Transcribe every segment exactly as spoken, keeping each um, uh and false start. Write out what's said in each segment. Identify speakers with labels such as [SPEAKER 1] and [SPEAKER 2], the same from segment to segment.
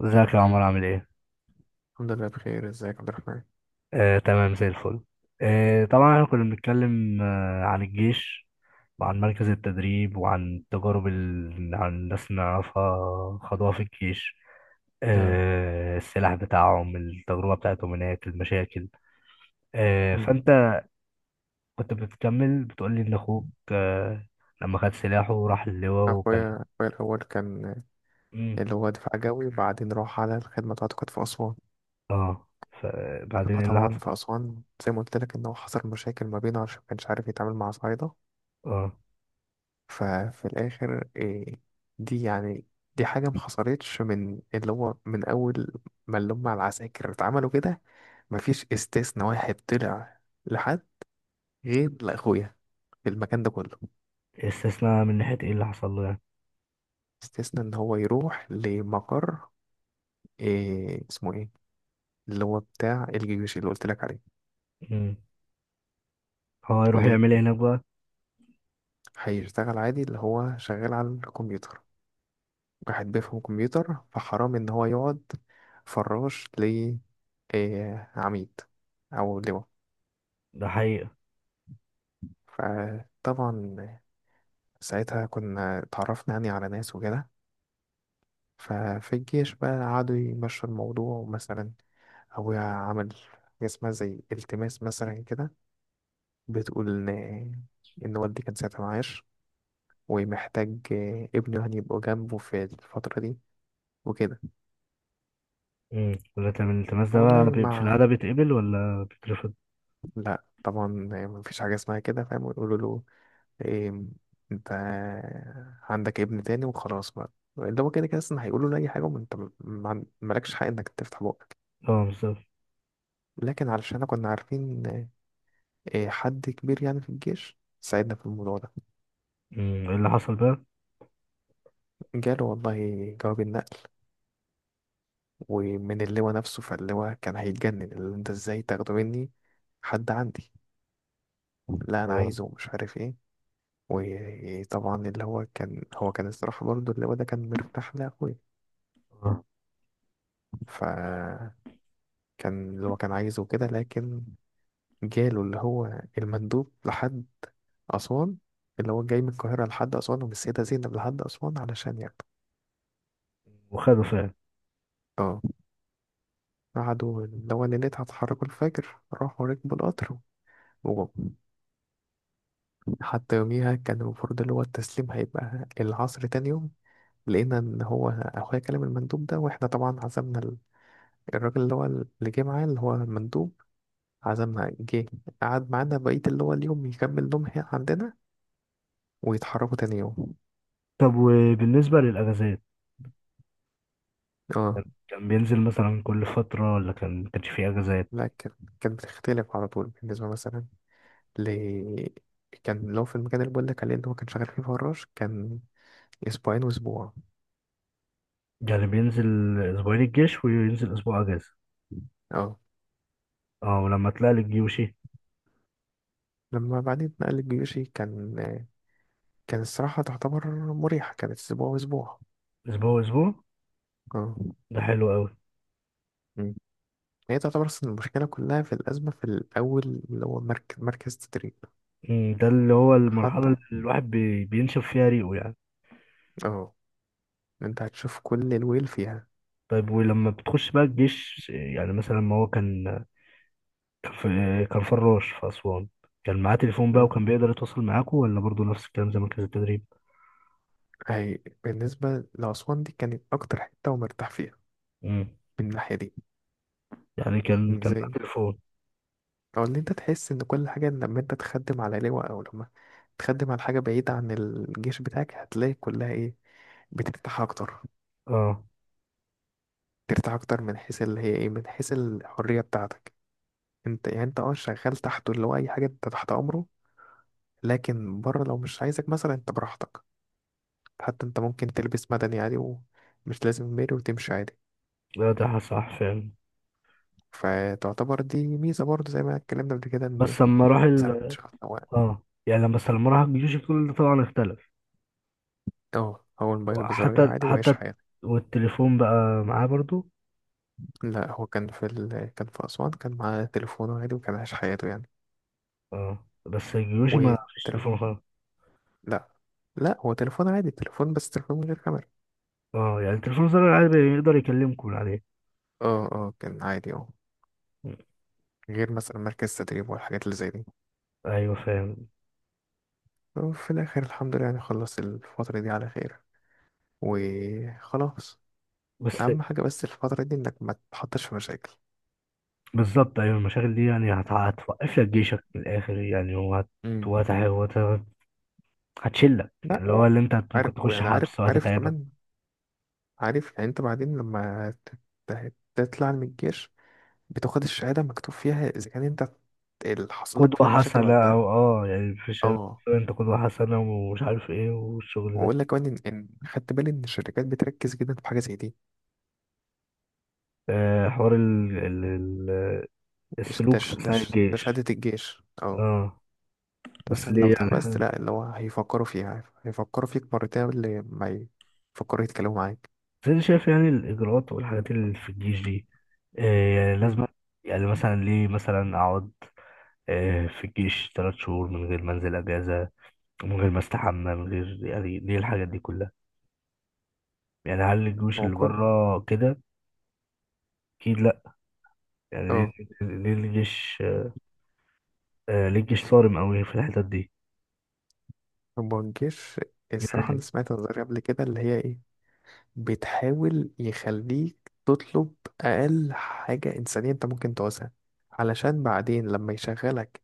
[SPEAKER 1] ازيك يا عمر، عامل ايه؟
[SPEAKER 2] الحمد لله بخير. ازيك يا عبد الرحمن؟
[SPEAKER 1] آه، تمام زي الفل. آه، طبعا احنا كنا بنتكلم آه، عن الجيش، وعن مركز التدريب، وعن التجارب اللي عن الناس اللي نعرفها خدوها في الجيش.
[SPEAKER 2] آه،
[SPEAKER 1] آه، السلاح بتاعهم، التجربة بتاعتهم هناك، المشاكل. آه،
[SPEAKER 2] مم.
[SPEAKER 1] فانت كنت بتكمل بتقول لي ان اخوك آه، لما خد سلاحه وراح اللواء وكان...
[SPEAKER 2] اخويا اخويا الاول كان
[SPEAKER 1] مم.
[SPEAKER 2] اللي هو دفاع جوي، وبعدين راح على الخدمه بتاعته، كانت في اسوان.
[SPEAKER 1] اه، فبعدين ايه اللي
[SPEAKER 2] فطبعا
[SPEAKER 1] حصل؟
[SPEAKER 2] في اسوان زي ما قلت لك ان هو حصل مشاكل ما بينه، عشان ما كانش عارف يتعامل مع صعايده.
[SPEAKER 1] اه.
[SPEAKER 2] ففي الاخر إيه دي يعني دي حاجه ما حصلتش من اللي هو من اول ما اللي هم العساكر اتعملوا كده. مفيش استثناء واحد طلع لحد، غير لاخويا في المكان ده كله.
[SPEAKER 1] استثناء من ناحية ايه اللي حصل له يعني؟
[SPEAKER 2] استثناء ان هو يروح لمقر إيه اسمه ايه اللي هو بتاع الجيوش اللي قلت لك عليه.
[SPEAKER 1] مم. هو يروح
[SPEAKER 2] ليه،
[SPEAKER 1] يعمل ايه هناك بقى؟
[SPEAKER 2] هيشتغل عادي اللي هو شغال على الكمبيوتر. واحد بيفهم كمبيوتر فحرام ان هو يقعد فراش ل آه، عميد او لواء.
[SPEAKER 1] ده حقيقة.
[SPEAKER 2] فطبعا ساعتها كنا اتعرفنا يعني على ناس وكده. ففي الجيش بقى قعدوا يمشوا الموضوع. مثلا أبويا عمل حاجة اسمها زي التماس مثلا كده، بتقول إن إن والدي كان ساعتها معاش، ومحتاج آه، ابنه يعني يبقى جنبه في الفترة دي وكده.
[SPEAKER 1] امم لكن من الالتماس ده بقى
[SPEAKER 2] والله
[SPEAKER 1] بي- في
[SPEAKER 2] ما،
[SPEAKER 1] العادة بيتقبل ولا بيترفض؟
[SPEAKER 2] لا طبعا مفيش حاجة اسمها كده، فاهم؟ ويقولوا له إيه، انت عندك ابن تاني وخلاص بقى. اللي هو كده كده اصلا هيقولوا له اي حاجة، وانت م- ما- عن- مالكش حق انك تفتح بقك.
[SPEAKER 1] اه، بالظبط.
[SPEAKER 2] لكن علشان احنا كنا عارفين آه، إيه، حد كبير يعني في الجيش، ساعدنا في الموضوع ده.
[SPEAKER 1] أمم، ايه اللي حصل بقى؟
[SPEAKER 2] جاله والله جواب النقل، ومن اللواء نفسه. فاللواء كان هيتجنن، اللي انت ازاي تاخده مني؟ حد عندي، لا انا
[SPEAKER 1] اه.
[SPEAKER 2] عايزه، ومش عارف ايه. وطبعا اللي هو كان هو كان الصراحه برضو اللي هو ده كان مرتاح لاخويا.
[SPEAKER 1] آه.
[SPEAKER 2] فكان اللي هو كان عايزه كده. لكن جاله اللي هو المندوب لحد اسوان، اللي هو جاي من القاهره لحد اسوان، ومن السيده زينب لحد اسوان علشان ياخده.
[SPEAKER 1] وخده فعلا؟
[SPEAKER 2] اه. قعدوا اللي هو ليلتها اتحركوا الفجر، راحوا ركبوا القطر وجم. حتى يوميها كان المفروض اللي هو التسليم هيبقى العصر تاني يوم. لقينا ان هو اخويا كلم المندوب ده، واحنا طبعا عزمنا الراجل اللي هو اللي جه معاه اللي هو المندوب، عزمنا، جه قعد معانا بقية اللي هو اليوم، يكمل نوم هنا عندنا، ويتحركوا تاني يوم.
[SPEAKER 1] طب، وبالنسبة للأجازات،
[SPEAKER 2] اه.
[SPEAKER 1] كان بينزل مثلا كل فترة ولا كان ما كانش فيه أجازات؟
[SPEAKER 2] لا كانت، كانت بتختلف على طول. بالنسبة مثلا ل، كان لو في المكان اللي بقول لك عليه اللي هو كان شغال فيه فراش، كان أسبوعين وأسبوع.
[SPEAKER 1] يعني بينزل أسبوعين الجيش وينزل أسبوع أجازة؟
[SPEAKER 2] اه.
[SPEAKER 1] اه، ولما طلع للجيوشي؟
[SPEAKER 2] لما بعدين اتنقل الجيوشي، كان كان الصراحة تعتبر مريحة، كانت أسبوع وأسبوع.
[SPEAKER 1] أسبوع أسبوع.
[SPEAKER 2] اه.
[SPEAKER 1] ده حلو أوي.
[SPEAKER 2] مم. هي تعتبر أصلا المشكلة كلها في الأزمة في الأول، اللي هو مركز مركز تدريب.
[SPEAKER 1] أمم، ده اللي هو المرحلة
[SPEAKER 2] حتى
[SPEAKER 1] اللي الواحد بي- بينشف فيها ريقه يعني.
[SPEAKER 2] اه انت هتشوف كل الويل فيها.
[SPEAKER 1] طيب، ولما بتخش بقى الجيش، يعني مثلا ما هو كان... كان في... كان فراش في أسوان، كان معاه تليفون بقى
[SPEAKER 2] اه.
[SPEAKER 1] وكان بيقدر يتواصل معاكم، ولا برضو نفس الكلام زي مركز التدريب؟
[SPEAKER 2] هي بالنسبة لأسوان دي كانت أكتر حتة ومرتاح فيها،
[SPEAKER 1] مم.
[SPEAKER 2] من الناحية دي.
[SPEAKER 1] يعني كان كان معاه
[SPEAKER 2] ازاي؟
[SPEAKER 1] تليفون؟
[SPEAKER 2] أو إن أنت تحس إن كل حاجة لما أنت تخدم على لواء، أو لما تخدم على حاجة بعيدة عن الجيش بتاعك، هتلاقي كلها إيه بترتاح أكتر.
[SPEAKER 1] اه،
[SPEAKER 2] ترتاح أكتر من حيث اللي هي إيه من حيث الحرية بتاعتك. أنت يعني أنت أه شغال تحته اللي هو أي حاجة، أنت تحت أمره. لكن بره لو مش عايزك مثلا، أنت براحتك. حتى أنت ممكن تلبس مدني عادي، ومش لازم ميري، وتمشي عادي.
[SPEAKER 1] لا ده صح فعلا.
[SPEAKER 2] فتعتبر دي ميزة برضه، زي ما اتكلمنا قبل كده، ان
[SPEAKER 1] بس لما راح
[SPEAKER 2] مثلا
[SPEAKER 1] ال...
[SPEAKER 2] شخص هو
[SPEAKER 1] اه، يعني لما بس لما راح الجيش كل ده طبعا اختلف.
[SPEAKER 2] اه هو الموبايل بزراير
[SPEAKER 1] حتى
[SPEAKER 2] عادي وعايش
[SPEAKER 1] حتى
[SPEAKER 2] حياته.
[SPEAKER 1] والتليفون بقى معاه برضو؟
[SPEAKER 2] لا هو كان في ال... كان في أسوان، كان معاه تليفونه عادي، وكان عايش حياته يعني.
[SPEAKER 1] اه، بس الجيوشي ما فيش تليفون
[SPEAKER 2] والتليفون،
[SPEAKER 1] خالص.
[SPEAKER 2] لا، لا، هو تليفون عادي، تليفون، بس تليفون من غير كاميرا.
[SPEAKER 1] اه، يعني التليفون الزرار العادي بيقدر يكلمكم من عليه؟
[SPEAKER 2] اه اه كان عادي اه. غير مثلا مركز تدريب والحاجات اللي زي دي.
[SPEAKER 1] ايوه، فاهم.
[SPEAKER 2] وفي الآخر الحمد لله يعني خلص الفترة دي على خير، وخلاص.
[SPEAKER 1] بس.
[SPEAKER 2] أهم حاجة بس الفترة دي إنك ما تتحطش في مشاكل.
[SPEAKER 1] بالظبط، ايوه. المشاغل دي يعني هت- هتوقف لك جيشك من الاخر يعني، وهت
[SPEAKER 2] امم،
[SPEAKER 1] وهت- وهت- هتشلك،
[SPEAKER 2] لا.
[SPEAKER 1] يعني اللي هو اللي انت هت- ممكن
[SPEAKER 2] وعارف
[SPEAKER 1] تخش
[SPEAKER 2] ويعني عارف
[SPEAKER 1] حبس
[SPEAKER 2] عارف
[SPEAKER 1] وهتتعبك.
[SPEAKER 2] كمان، عارف يعني انت بعدين لما ت- ت- تطلع من الجيش، بتاخد الشهادة مكتوب فيها اذا كان انت اللي حصل لك فيها
[SPEAKER 1] قدوة
[SPEAKER 2] مشاكل
[SPEAKER 1] حسنة،
[SPEAKER 2] ولا لا.
[SPEAKER 1] او اه يعني في شباب.
[SPEAKER 2] اه.
[SPEAKER 1] انت قدوة حسنة، ومش عارف ايه، والشغل ده.
[SPEAKER 2] واقول لك كمان ان إن خدت بالي ان الشركات بتركز جدا في حاجة زي دي.
[SPEAKER 1] آه، حوار ال... ال... ال...
[SPEAKER 2] إيش ده
[SPEAKER 1] السلوك
[SPEAKER 2] ش- ده
[SPEAKER 1] اثناء
[SPEAKER 2] ش- ده
[SPEAKER 1] الجيش.
[SPEAKER 2] شهادة الجيش اه.
[SPEAKER 1] اه.
[SPEAKER 2] انت
[SPEAKER 1] بس
[SPEAKER 2] مثلا لو
[SPEAKER 1] ليه يعني
[SPEAKER 2] اتحبست،
[SPEAKER 1] حاجة-
[SPEAKER 2] لا اللي هو هيفكروا فيها هيفكروا فيك مرتين قبل ما يفكروا يتكلموا معاك.
[SPEAKER 1] بس انا شايف يعني الاجراءات والحاجات اللي في الجيش دي آه يعني
[SPEAKER 2] مم.
[SPEAKER 1] لازم... يعني مثلا ليه؟ مثلا اقعد آه في الجيش ثلاث شهور من غير ما انزل اجازة، من غير ما استحمى، من غير... يعني ليه الحاجات دي كلها؟ يعني هل الجيوش
[SPEAKER 2] هو
[SPEAKER 1] اللي
[SPEAKER 2] كل
[SPEAKER 1] بره كده؟ اكيد لا. يعني ليه؟
[SPEAKER 2] اه
[SPEAKER 1] ليه الجيش آه ليه الجيش صارم قوي في الحتت دي؟
[SPEAKER 2] هو الجيش الصراحة أنا
[SPEAKER 1] يعني
[SPEAKER 2] سمعت نظرية قبل كده اللي هي إيه بتحاول يخليك تطلب أقل حاجة إنسانية أنت ممكن تعوزها، علشان بعدين لما يشغلك،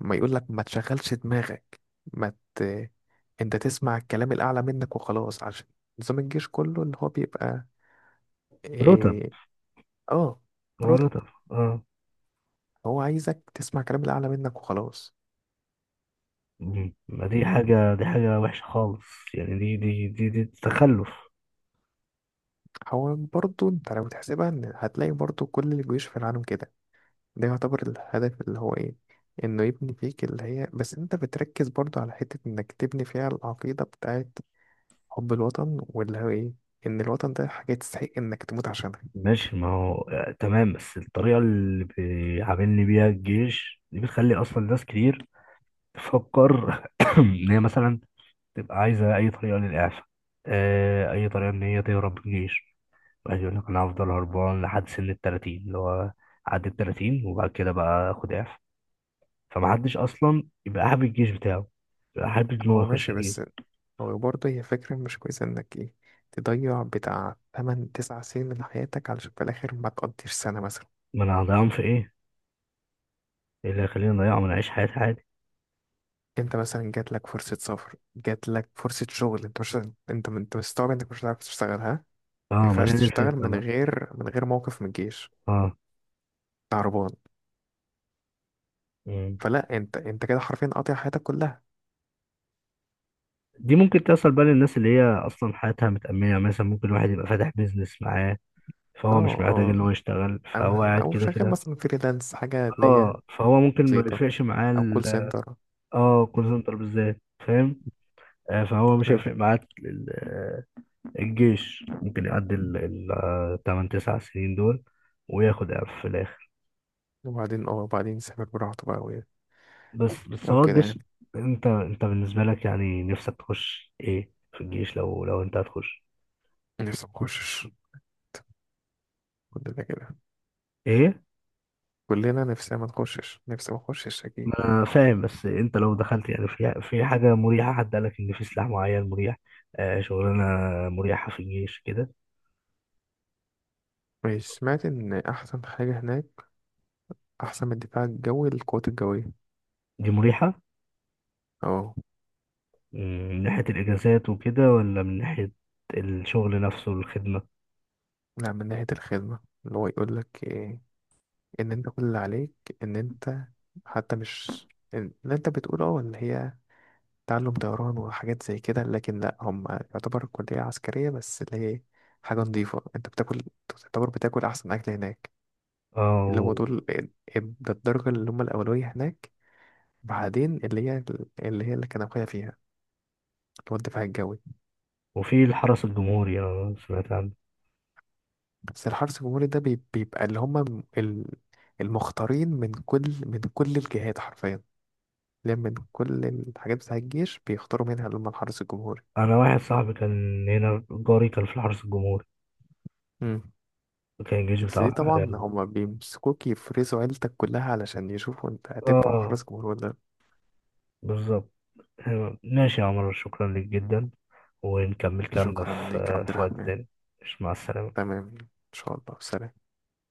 [SPEAKER 2] ما يقولك ما تشغلش دماغك، ما ت... أنت تسمع الكلام الأعلى منك وخلاص. عشان نظام الجيش كله اللي هو بيبقى
[SPEAKER 1] رتب.
[SPEAKER 2] إيه... آه
[SPEAKER 1] هو
[SPEAKER 2] رتب.
[SPEAKER 1] رتب. اه.
[SPEAKER 2] هو عايزك تسمع الكلام الأعلى منك وخلاص.
[SPEAKER 1] مم. ما دي حاجة، دي حاجة وحشة خالص. يعني دي دي دي, دي تخلف.
[SPEAKER 2] هو برضه أنت لو تحسبها، إن هتلاقي برضه كل الجيوش في العالم كده. ده يعتبر الهدف اللي هو ايه انه يبني فيك اللي هي، بس انت بتركز برضو على حتة انك تبني فيها العقيدة بتاعت حب الوطن، واللي هو ايه ان الوطن ده حاجة تستحق انك تموت عشانها.
[SPEAKER 1] ماشي، ما هو آه تمام. بس الطريقة اللي بيعاملني بيها الجيش دي بتخلي أصلا ناس كتير تفكر إن هي مثلا تبقى عايزة أي طريقة للإعفاء، آه، أي طريقة إن هي تهرب من الجيش. عايز يقول لك انا هفضل هربان لحد سن ال ثلاثين، اللي هو عدى ال ثلاثين، وبعد كده بقى اخد اعفاء. فمحدش اصلا يبقى حابب الجيش بتاعه، يبقى حابب ان هو
[SPEAKER 2] هو
[SPEAKER 1] يخش
[SPEAKER 2] ماشي، بس
[SPEAKER 1] الجيش.
[SPEAKER 2] هو برضه هي فكرة مش كويسة انك ايه تضيع بتاع ثماني تسعة سنين من حياتك، علشان في الاخر ما تقضيش سنة مثلا.
[SPEAKER 1] ما انا هضيعهم في ايه؟ إيه اللي هيخليني اضيعهم؟ انا اعيش حياتي عادي.
[SPEAKER 2] انت مثلا جات لك فرصة سفر، جات لك فرصة شغل، انت مش، انت انت مستوعب انك مش هتعرف تشتغلها. ما
[SPEAKER 1] اه، ما
[SPEAKER 2] ينفعش
[SPEAKER 1] هي دي
[SPEAKER 2] تشتغل
[SPEAKER 1] الفكره
[SPEAKER 2] من
[SPEAKER 1] بقى.
[SPEAKER 2] غير من غير موقف من الجيش.
[SPEAKER 1] اه.
[SPEAKER 2] تعربان.
[SPEAKER 1] مم.
[SPEAKER 2] فلا انت انت كده حرفيا قاطع حياتك كلها.
[SPEAKER 1] دي ممكن تحصل بقى للناس اللي هي اصلا حياتها متأمنه، يعني مثلا ممكن واحد يبقى فاتح بيزنس معاه، فهو مش
[SPEAKER 2] اه
[SPEAKER 1] محتاج
[SPEAKER 2] اه.
[SPEAKER 1] ان هو يشتغل،
[SPEAKER 2] او
[SPEAKER 1] فهو قاعد
[SPEAKER 2] او
[SPEAKER 1] كده
[SPEAKER 2] شغال
[SPEAKER 1] كده.
[SPEAKER 2] مثلا فريلانس، حاجه اللي هي
[SPEAKER 1] اه، فهو ممكن ما
[SPEAKER 2] بسيطه،
[SPEAKER 1] يفرقش معاه
[SPEAKER 2] او كول
[SPEAKER 1] ال-
[SPEAKER 2] سنتر.
[SPEAKER 1] اه، كول
[SPEAKER 2] مم.
[SPEAKER 1] سنتر بالذات، فاهم. آه، فهو مش
[SPEAKER 2] مم.
[SPEAKER 1] هيفرق معاه الجيش، ممكن يعدي ال ال- آه، تمن تسع سنين دول وياخد إعفاء في الآخر.
[SPEAKER 2] وبعدين اه وبعدين يسافر براحته بقى و،
[SPEAKER 1] بس بس
[SPEAKER 2] او
[SPEAKER 1] هو
[SPEAKER 2] كده
[SPEAKER 1] الجيش...
[SPEAKER 2] يعني.
[SPEAKER 1] أنت أنت بالنسبة لك يعني نفسك تخش إيه في الجيش؟ لو لو أنت هتخش؟
[SPEAKER 2] نفسي ما اخشش. كلنا كده.
[SPEAKER 1] إيه؟
[SPEAKER 2] كلنا نفسنا ما نخشش. نفسي ما اخشش اكيد.
[SPEAKER 1] ما أنا فاهم، بس أنت لو دخلت يعني في في حاجة مريحة، حد قالك إن في سلاح معين مريح، آه شغلانة مريحة في الجيش كده؟
[SPEAKER 2] ماشي. سمعت ان احسن حاجه هناك، احسن من الدفاع الجوي، القوات الجويه.
[SPEAKER 1] دي مريحة.
[SPEAKER 2] اه.
[SPEAKER 1] مم، من ناحية الإجازات وكده، ولا من ناحية الشغل نفسه، الخدمة؟
[SPEAKER 2] لا من ناحيه الخدمه. اللي هو يقول لك إيه ان انت كل اللي عليك، ان انت، حتى مش اللي انت بتقوله اه اللي هي تعلم طيران وحاجات زي كده، لكن لا هم يعتبر كلية عسكرية بس اللي هي حاجة نظيفة، انت بتاكل، تعتبر بتاكل أحسن أكل هناك.
[SPEAKER 1] آه
[SPEAKER 2] اللي
[SPEAKER 1] و-
[SPEAKER 2] هو دول ده الدرجة اللي هم الأولوية هناك. بعدين اللي هي اللي هي اللي كان أخويا فيها، اللي هو الدفاع الجوي.
[SPEAKER 1] وفي الحرس الجمهوري أنا سمعت عنه.
[SPEAKER 2] بس الحرس الجمهوري ده بي- بيبقى اللي هم ال- المختارين من كل من كل الجهات، حرفيا. اللي هي من كل الحاجات بتاع الجيش، بيختاروا منها اللي هم الحرس الجمهوري.
[SPEAKER 1] انا واحد صاحبي كان هنا جاري كان في الحرس الجمهوري، كان الجيش
[SPEAKER 2] بس دي
[SPEAKER 1] بتاعه
[SPEAKER 2] طبعا
[SPEAKER 1] يعني.
[SPEAKER 2] هما بيمسكوك يفرزوا عيلتك كلها، علشان يشوفوا انت هتنفع
[SPEAKER 1] اه،
[SPEAKER 2] حرس جمهور ولا لأ.
[SPEAKER 1] بالظبط. ماشي يا عمر، شكرا لك جدا، ونكمل كلامنا
[SPEAKER 2] شكرا
[SPEAKER 1] في
[SPEAKER 2] ليك يا عبد
[SPEAKER 1] في وقت
[SPEAKER 2] الرحمن.
[SPEAKER 1] تاني. مش مع السلامة.
[SPEAKER 2] تمام، ان شاء الله، سلام.